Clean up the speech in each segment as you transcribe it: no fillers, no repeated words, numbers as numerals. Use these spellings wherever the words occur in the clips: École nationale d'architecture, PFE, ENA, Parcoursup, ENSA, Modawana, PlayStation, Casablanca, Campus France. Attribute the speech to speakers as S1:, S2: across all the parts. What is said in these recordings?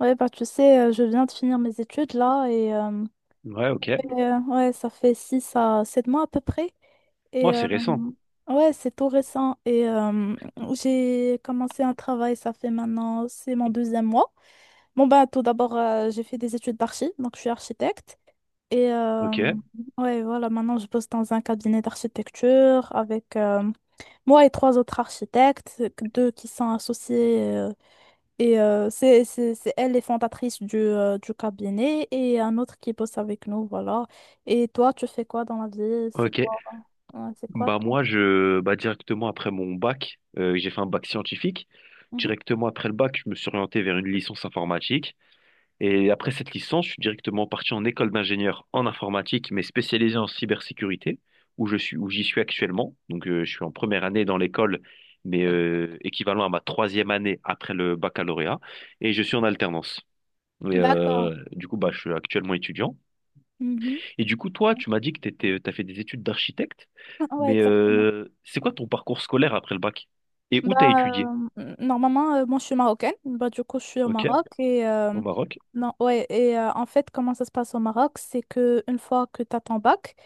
S1: Ouais, bah tu sais, je viens de finir mes études là et euh,
S2: Ouais, ok.
S1: et, euh, ouais, ça fait 6 à 7 mois à peu près.
S2: Moi,
S1: Et
S2: c'est récent.
S1: ouais, c'est tout récent. Et j'ai commencé un travail, ça fait maintenant, c'est mon deuxième mois. Bon, bah tout d'abord, j'ai fait des études d'archi, donc je suis architecte. Et
S2: Ok,
S1: ouais, voilà, maintenant je bosse dans un cabinet d'architecture avec moi et trois autres architectes, deux qui sont associés. C'est elle les fondatrices du cabinet et un autre qui bosse avec nous, voilà. Et toi, tu fais quoi dans la vie? C'est
S2: ok.
S1: quoi, euh, c'est quoi
S2: Bah
S1: ton-
S2: moi, je, bah directement après mon bac, j'ai fait un bac scientifique.
S1: Mhm.
S2: Directement après le bac, je me suis orienté vers une licence informatique. Et après cette licence, je suis directement parti en école d'ingénieur en informatique, mais spécialisé en cybersécurité, où j'y suis actuellement. Donc, je suis en première année dans l'école, mais équivalent à ma troisième année après le baccalauréat. Et je suis en alternance. Et
S1: D'accord.
S2: du coup, bah, je suis actuellement étudiant.
S1: Mhm.
S2: Et du coup, toi, tu m'as dit que t'étais, t'as fait des études d'architecte,
S1: Ouais,
S2: mais
S1: exactement.
S2: c'est quoi ton parcours scolaire après le bac? Et où t'as
S1: Bah,
S2: étudié?
S1: normalement, moi, je suis marocaine. Bah, du coup, je suis au
S2: Ok,
S1: Maroc. Et, euh,
S2: au Maroc.
S1: non, ouais, et euh, en fait, comment ça se passe au Maroc, c'est que une fois que tu as ton bac,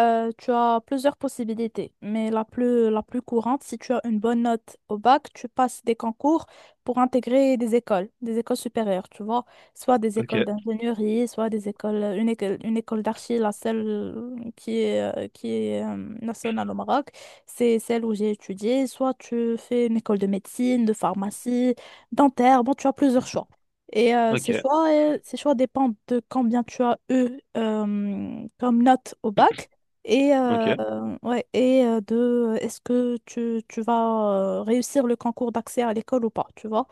S1: tu as plusieurs possibilités. Mais la plus courante, si tu as une bonne note au bac, tu passes des concours pour intégrer des écoles supérieures, tu vois. Soit des
S2: Ok,
S1: écoles d'ingénierie, soit des écoles, une école d'archi, la seule qui est nationale au Maroc. C'est celle où j'ai étudié. Soit tu fais une école de médecine, de pharmacie, dentaire. Bon, tu as plusieurs choix. Et euh,
S2: ok,
S1: ces choix, euh, ces choix dépendent de combien tu as eu comme note au bac et, euh,
S2: ok,
S1: ouais, et euh, de euh, est-ce que tu vas réussir le concours d'accès à l'école ou pas, tu vois.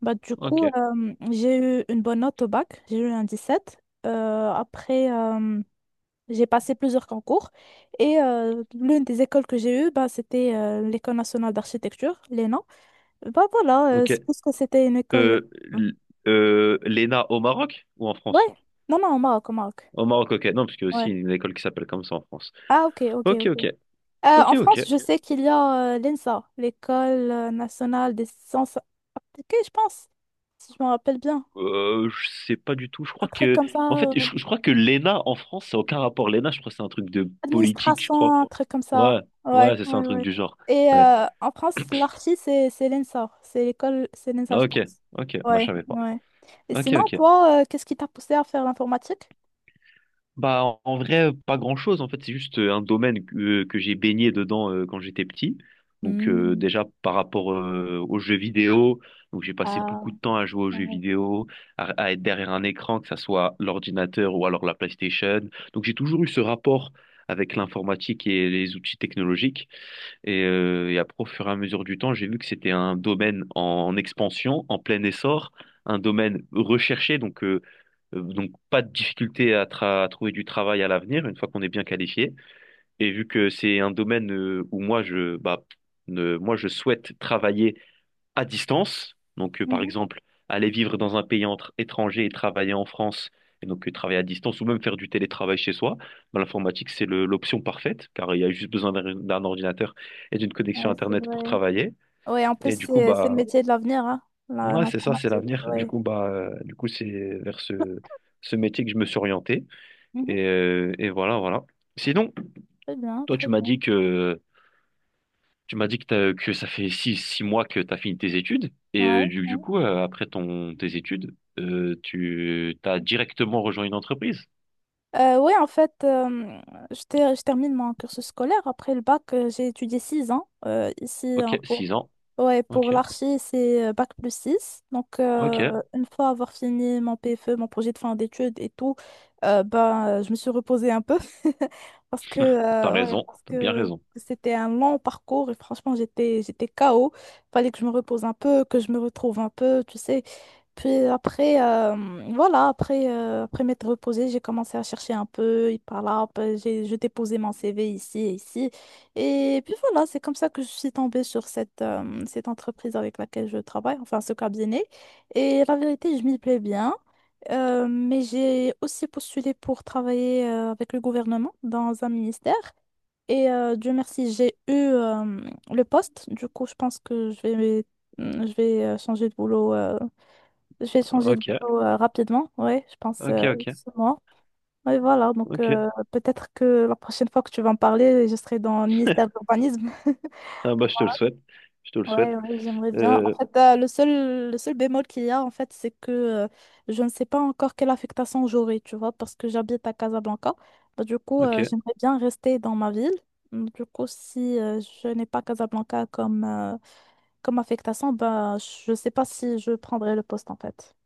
S1: Bah, du
S2: ok,
S1: coup, j'ai eu une bonne note au bac, j'ai eu un 17. Après, j'ai passé plusieurs concours et l'une des écoles que j'ai eues, bah, c'était l'École nationale d'architecture, l'ENA. Bah voilà, c'est parce
S2: ok.
S1: que c'était une école,
S2: Euh,
S1: hein.
S2: l- L'ENA au Maroc ou en France?
S1: Ouais, non, non, au Maroc, au Maroc.
S2: Au Maroc, ok. Non, parce qu'il y a aussi
S1: Ouais.
S2: une école qui s'appelle comme ça en France.
S1: Ah, ok, ok,
S2: Ok,
S1: ok.
S2: ok, ok,
S1: En
S2: ok.
S1: France, je sais qu'il y a l'ENSA, l'École nationale des sciences appliquées, je pense, si je me rappelle bien.
S2: Je sais pas du tout.
S1: Un truc comme
S2: En
S1: ça.
S2: fait, je crois que l'ENA en France, ça n'a aucun rapport. L'ENA, je crois que c'est un truc de politique, je crois.
S1: Administration, un truc comme
S2: Ouais,
S1: ça.
S2: ouais,
S1: Ouais,
S2: c'est ça, un
S1: ouais,
S2: truc
S1: ouais.
S2: du genre.
S1: Et
S2: Ouais.
S1: en France, l'archi, c'est l'ENSA. C'est l'école, c'est l'ENSA,
S2: Ah,
S1: je
S2: ok,
S1: pense.
S2: ok, moi je
S1: Ouais,
S2: savais pas.
S1: ouais. Et
S2: Ok,
S1: sinon,
S2: ok.
S1: toi, qu'est-ce qui t'a poussé à faire l'informatique?
S2: Bah en vrai, pas grand-chose en fait, c'est juste un domaine que j'ai baigné dedans quand j'étais petit. Donc
S1: Hmm.
S2: déjà par rapport aux jeux vidéo, donc j'ai passé beaucoup
S1: Ah,
S2: de temps à jouer aux jeux
S1: ouais.
S2: vidéo, à être derrière un écran, que ça soit l'ordinateur ou alors la PlayStation. Donc j'ai toujours eu ce rapport avec l'informatique et les outils technologiques. Et après, au fur et à mesure du temps, j'ai vu que c'était un domaine en expansion, en plein essor, un domaine recherché, donc pas de difficulté à trouver du travail à l'avenir, une fois qu'on est bien qualifié. Et vu que c'est un domaine où moi je, bah, ne- moi, je souhaite travailler à distance, donc par
S1: Mhm.
S2: exemple aller vivre dans un pays entre étranger et travailler en France, et donc travailler à distance ou même faire du télétravail chez soi, ben, l'informatique c'est l'option parfaite car il y a juste besoin d'un ordinateur et d'une connexion
S1: Ouais, c'est
S2: Internet pour
S1: vrai.
S2: travailler.
S1: Ouais, en plus,
S2: Et du coup
S1: c'est le
S2: bah
S1: métier de l'avenir, hein,
S2: ouais, c'est ça, c'est
S1: l'informatique.
S2: l'avenir. Du
S1: Ouais.
S2: coup bah c'est vers ce métier que je me suis orienté
S1: Mhm.
S2: voilà voilà. Sinon,
S1: Très bien,
S2: toi
S1: très
S2: tu m'as
S1: bien.
S2: dit que Tu m'as dit que, t'as- que ça fait six mois que tu as fini tes études et
S1: Ouais.
S2: du, du
S1: Ouais.
S2: coup, après tes études, tu t'as directement rejoint une entreprise.
S1: Ouais, en fait, je termine mon cursus scolaire. Après le bac, j'ai étudié 6 ans ici en-
S2: Ok, six ans.
S1: Ouais, pour
S2: Ok,
S1: l'archi, c'est bac plus 6. Donc,
S2: ok,
S1: une fois avoir fini mon PFE, mon projet de fin d'études et tout, je me suis reposée un peu parce que,
S2: t'as
S1: ouais,
S2: raison,
S1: parce
S2: t'as bien
S1: que
S2: raison.
S1: c'était un long parcours et franchement, j'étais KO. Fallait que je me repose un peu, que je me retrouve un peu, tu sais. Puis après, voilà, après, après m'être reposée, j'ai commencé à chercher un peu, et par là, hop, j'ai déposé mon CV ici et ici. Et puis voilà, c'est comme ça que je suis tombée sur cette entreprise avec laquelle je travaille, enfin ce cabinet. Et la vérité, je m'y plais bien. Mais j'ai aussi postulé pour travailler avec le gouvernement dans un ministère. Et Dieu merci, j'ai eu le poste. Du coup, je pense que je vais changer de boulot. Je vais changer de
S2: Ok,
S1: boulot rapidement. Oui, je pense
S2: ok, ok,
S1: ce mois. Oui, voilà. Donc
S2: ok.
S1: peut-être que la prochaine fois que tu vas en parler, je serai dans le ministère de l'urbanisme.
S2: Ah bah, je te le souhaite, je te le souhaite.
S1: Ouais, ouais, j'aimerais bien. En
S2: Euh,
S1: fait, le seul bémol qu'il y a, en fait, c'est que je ne sais pas encore quelle affectation j'aurai, tu vois, parce que j'habite à Casablanca. Bah, du coup,
S2: ok,
S1: j'aimerais bien rester dans ma ville. Du coup, si je n'ai pas Casablanca comme affectation, bah, je ne sais pas si je prendrai le poste, en fait.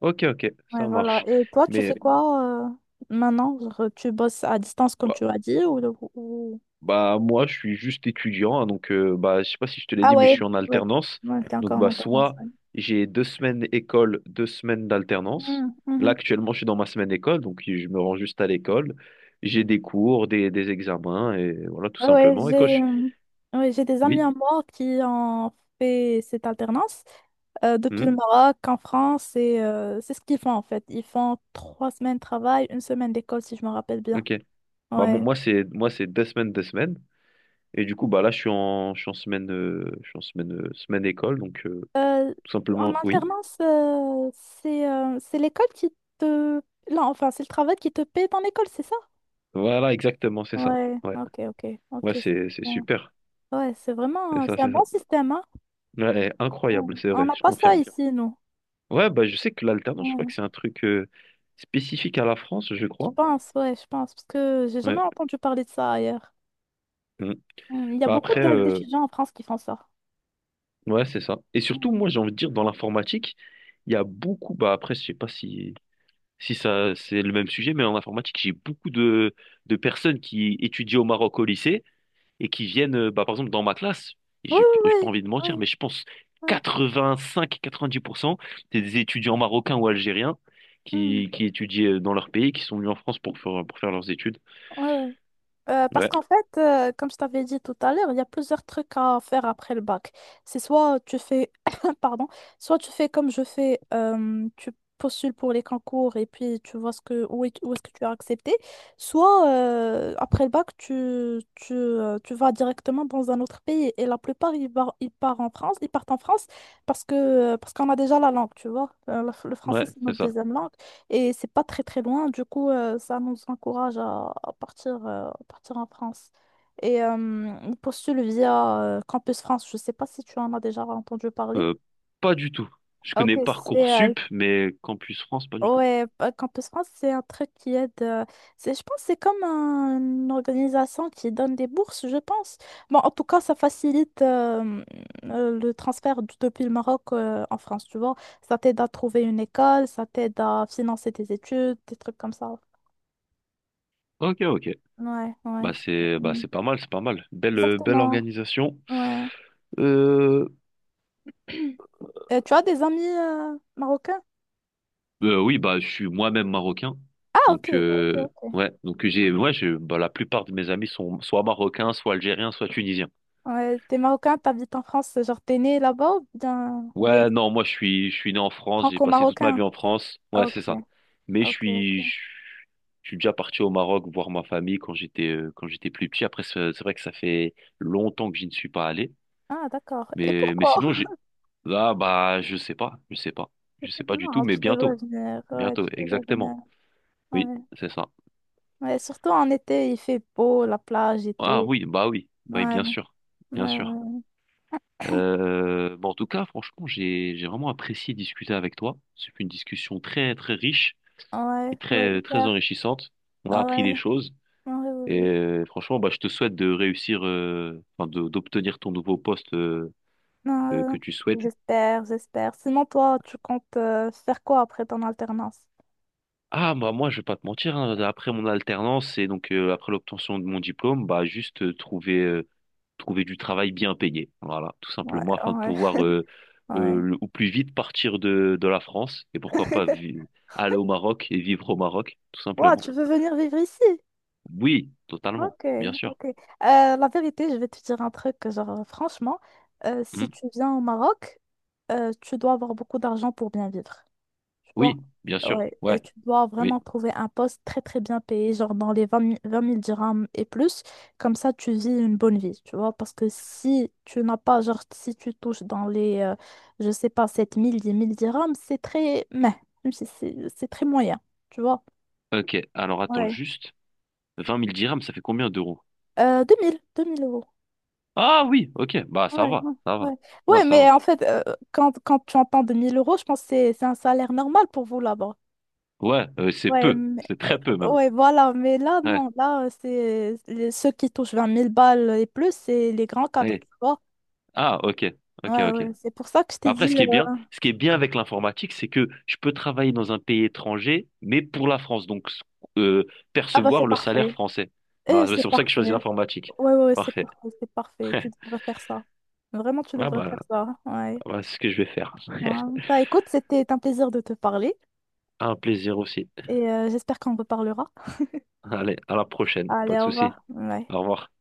S2: ok, ok,
S1: Ouais,
S2: ça
S1: voilà.
S2: marche.
S1: Et toi, tu fais
S2: Mais
S1: quoi maintenant? Genre, tu bosses à distance, comme tu as dit, ou...
S2: Bah moi je suis juste étudiant, hein, donc bah je sais pas si je te l'ai
S1: Ah
S2: dit, mais je
S1: ouais,
S2: suis en
S1: ouais,
S2: alternance.
S1: ouais, t'es
S2: Donc
S1: encore en
S2: bah
S1: alternance.
S2: soit
S1: Ouais.
S2: j'ai deux semaines école, deux semaines d'alternance.
S1: Mhm,
S2: Là
S1: mhm.
S2: actuellement je suis dans ma semaine école, donc je me rends juste à l'école. J'ai des cours, des examens, et voilà tout
S1: Ah ouais,
S2: simplement.
S1: j'ai ouais, j'ai des amis
S2: Oui.
S1: à moi qui ont fait cette alternance depuis le
S2: Mhm.
S1: Maroc en France et c'est ce qu'ils font en fait. Ils font 3 semaines de travail, une semaine d'école si je me rappelle bien.
S2: Ok. Bah
S1: Ouais.
S2: moi c'est deux semaines, deux semaines. Et du coup bah là je suis en semaine semaine école, donc
S1: Euh,
S2: tout
S1: En
S2: simplement oui.
S1: alternance, c'est l'école qui te... Non, enfin, c'est le travail qui te paie ton école, c'est ça?
S2: Voilà exactement c'est ça.
S1: Ouais,
S2: Ouais,
S1: ok, ok, ok,
S2: ouais,
S1: c'est
S2: c'est
S1: très
S2: c'est
S1: bon.
S2: super.
S1: Ouais, c'est
S2: C'est
S1: vraiment,
S2: ça,
S1: c'est un
S2: c'est ça.
S1: bon système, hein.
S2: Ouais,
S1: On
S2: incroyable, c'est
S1: on
S2: vrai,
S1: n'a
S2: je
S1: pas ça
S2: confirme.
S1: ici, nous.
S2: Ouais, bah je sais que l'alternance, je crois
S1: Ouais.
S2: que c'est un truc spécifique à la France, je
S1: Je
S2: crois.
S1: pense, ouais, je pense, parce que j'ai jamais
S2: Ouais.
S1: entendu parler de ça ailleurs.
S2: Mm.
S1: Hmm, il y a
S2: Bah
S1: beaucoup
S2: après,
S1: de- Ok. D'étudiants en France qui font ça.
S2: ouais, c'est ça. Et surtout,
S1: Oui,
S2: moi, j'ai envie de dire, dans l'informatique, il y a beaucoup, bah après, je sais pas si ça c'est le même sujet, mais en informatique, j'ai beaucoup de personnes qui étudient au Maroc au lycée et qui viennent, bah, par exemple, dans ma classe, et
S1: oui,
S2: j'ai pas
S1: oui,
S2: envie de
S1: oui, oui.
S2: mentir, mais je pense
S1: Ouais, ouais. Ouais.
S2: 85-90%, c'est des étudiants marocains ou algériens
S1: Hmm,
S2: qui étudient dans leur pays, qui sont venus en France pour faire leurs études.
S1: ouais, ouais. Parce
S2: Ouais,
S1: qu'en fait, comme je t'avais dit tout à l'heure, il y a plusieurs trucs à faire après le bac. C'est soit tu fais, pardon, soit tu fais comme je fais, tu postules pour les concours et puis tu vois ce que, où est-ce que tu as accepté, soit après le bac, tu vas directement dans un autre pays. Et la plupart, ils partent en France, parce qu'on a déjà la langue, tu vois. Le français,
S2: ouais,
S1: c'est
S2: c'est
S1: notre
S2: ça.
S1: deuxième langue. Et c'est pas très très loin, du coup, ça nous encourage à partir en France. Et on postule via Campus France, je sais pas si tu en as déjà entendu parler.
S2: Euh, Pas du tout. Je
S1: Ah,
S2: connais
S1: ok. c'est
S2: Parcoursup, mais Campus France, pas du tout.
S1: Ouais, Campus France, c'est un truc qui aide. C'est, je pense que c'est comme une organisation qui donne des bourses, je pense. Bon, en tout cas, ça facilite le transfert depuis le Maroc en France, tu vois. Ça t'aide à trouver une école, ça t'aide à financer tes études, des trucs comme ça.
S2: Ok, ok.
S1: Ouais, ouais.
S2: Bah c'est bah
S1: Mm.
S2: c'est pas mal, c'est pas mal. Belle
S1: Exactement.
S2: organisation.
S1: Ouais.
S2: Euh,
S1: Tu as des amis marocains?
S2: Oui, bah, je suis moi-même marocain.
S1: Ah, ok.
S2: Donc,
S1: Ok, ok.
S2: ouais. Donc, ouais, la plupart de mes amis sont soit marocains, soit algériens, soit tunisiens.
S1: Ouais, t'es marocain, t'habites en France, genre t'es né là-bas ou bien
S2: Ouais, non, moi, je suis né en France. J'ai passé toute ma
S1: franco-marocain?
S2: vie en France.
S1: Ah,
S2: Ouais,
S1: ok,
S2: c'est ça. Mais
S1: ok. Ok.
S2: je suis déjà parti au Maroc voir ma famille quand quand j'étais plus petit. Après, c'est vrai que ça fait longtemps que je ne suis pas allé.
S1: Ah, d'accord. Et
S2: Mais
S1: pourquoi?
S2: sinon, là, bah, je sais pas, je sais pas, je sais pas du tout,
S1: Non,
S2: mais
S1: tu devrais
S2: bientôt,
S1: venir. Ouais,
S2: bientôt,
S1: tu devrais venir.
S2: exactement. Oui,
S1: Ouais.
S2: c'est ça.
S1: Ouais, surtout en été, il fait beau, la plage et
S2: Ah
S1: tout.
S2: oui, bah oui, bah oui,
S1: Ouais,
S2: bien sûr,
S1: ouais,
S2: bien sûr.
S1: ouais.
S2: Bon, en tout cas, franchement, j'ai vraiment apprécié discuter avec toi. C'est une discussion très très riche et
S1: Ouais, ouais,
S2: très très
S1: hyper.
S2: enrichissante. On a
S1: Ah,
S2: appris des
S1: ouais,
S2: choses
S1: ouais, ouais.
S2: et
S1: Ouais.
S2: franchement, bah, je te souhaite de réussir, enfin, d'obtenir ton nouveau poste
S1: Non,
S2: que tu souhaites.
S1: j'espère, j'espère. Sinon, toi, tu comptes faire quoi après ton alternance?
S2: Ah, bah moi, je vais pas te mentir. Hein, après mon alternance et donc après l'obtention de mon diplôme, bah juste trouver du travail bien payé. Voilà, tout
S1: Ouais,
S2: simplement, afin de
S1: ouais,
S2: pouvoir
S1: ouais.
S2: au plus vite partir de la France et pourquoi pas aller au Maroc et vivre au Maroc, tout
S1: Wow,
S2: simplement.
S1: tu veux venir vivre ici?
S2: Oui, totalement,
S1: Ok,
S2: bien sûr.
S1: ok. La vérité, je vais te dire un truc, genre, franchement, si
S2: Hmm.
S1: tu viens au Maroc, tu dois avoir beaucoup d'argent pour bien vivre. Tu vois,
S2: Oui, bien sûr,
S1: ouais, et
S2: ouais,
S1: tu dois
S2: oui.
S1: vraiment trouver un poste très très bien payé, genre dans les 20 000, 20 000 dirhams et plus. Comme ça, tu vis une bonne vie, tu vois. Parce que si tu n'as pas, genre, si tu touches dans les, je sais pas, 7 000 10 000 dirhams, c'est très, mais, c'est très moyen, tu vois.
S2: Ok, alors attends
S1: Ouais.
S2: juste, 20 000 dirhams, ça fait combien d'euros?
S1: 2 000 euros.
S2: Ah oui, ok, bah ça
S1: Ouais,
S2: va,
S1: ouais, ouais. Ouais,
S2: ça
S1: mais
S2: va.
S1: en fait, quand tu entends 2 000 euros, je pense que c'est un salaire normal pour vous là-bas.
S2: Ouais, c'est
S1: Ouais,
S2: peu, c'est très peu
S1: oh,
S2: même.
S1: ouais, voilà, mais là,
S2: Ouais,
S1: non, là, c'est ceux qui touchent 20 000 balles et plus, c'est les grands cadres,
S2: ouais.
S1: tu vois.
S2: Ah, ok, ok,
S1: Ouais,
S2: ok. Mais
S1: ouais, c'est pour ça que je t'ai dit,
S2: après, ce qui est bien, ce qui est bien avec l'informatique, c'est que je peux travailler dans un pays étranger, mais pour la France, donc euh,
S1: ah bah c'est
S2: percevoir le salaire
S1: parfait.
S2: français.
S1: Et
S2: Voilà, c'est
S1: c'est
S2: pour ça que je
S1: parfait.
S2: choisis l'informatique.
S1: Ouais, ouais, c'est
S2: Parfait.
S1: parfait, c'est parfait. Tu devrais faire ça. Vraiment, tu
S2: Ah
S1: devrais
S2: bah,
S1: faire ça. Ouais.
S2: bah, c'est ce que je vais faire.
S1: Ouais. Bah écoute, c'était un plaisir de te parler
S2: Un plaisir aussi.
S1: et j'espère qu'on reparlera.
S2: Allez, à la prochaine, pas
S1: Allez,
S2: de
S1: au
S2: souci.
S1: revoir. Ouais.
S2: Au revoir.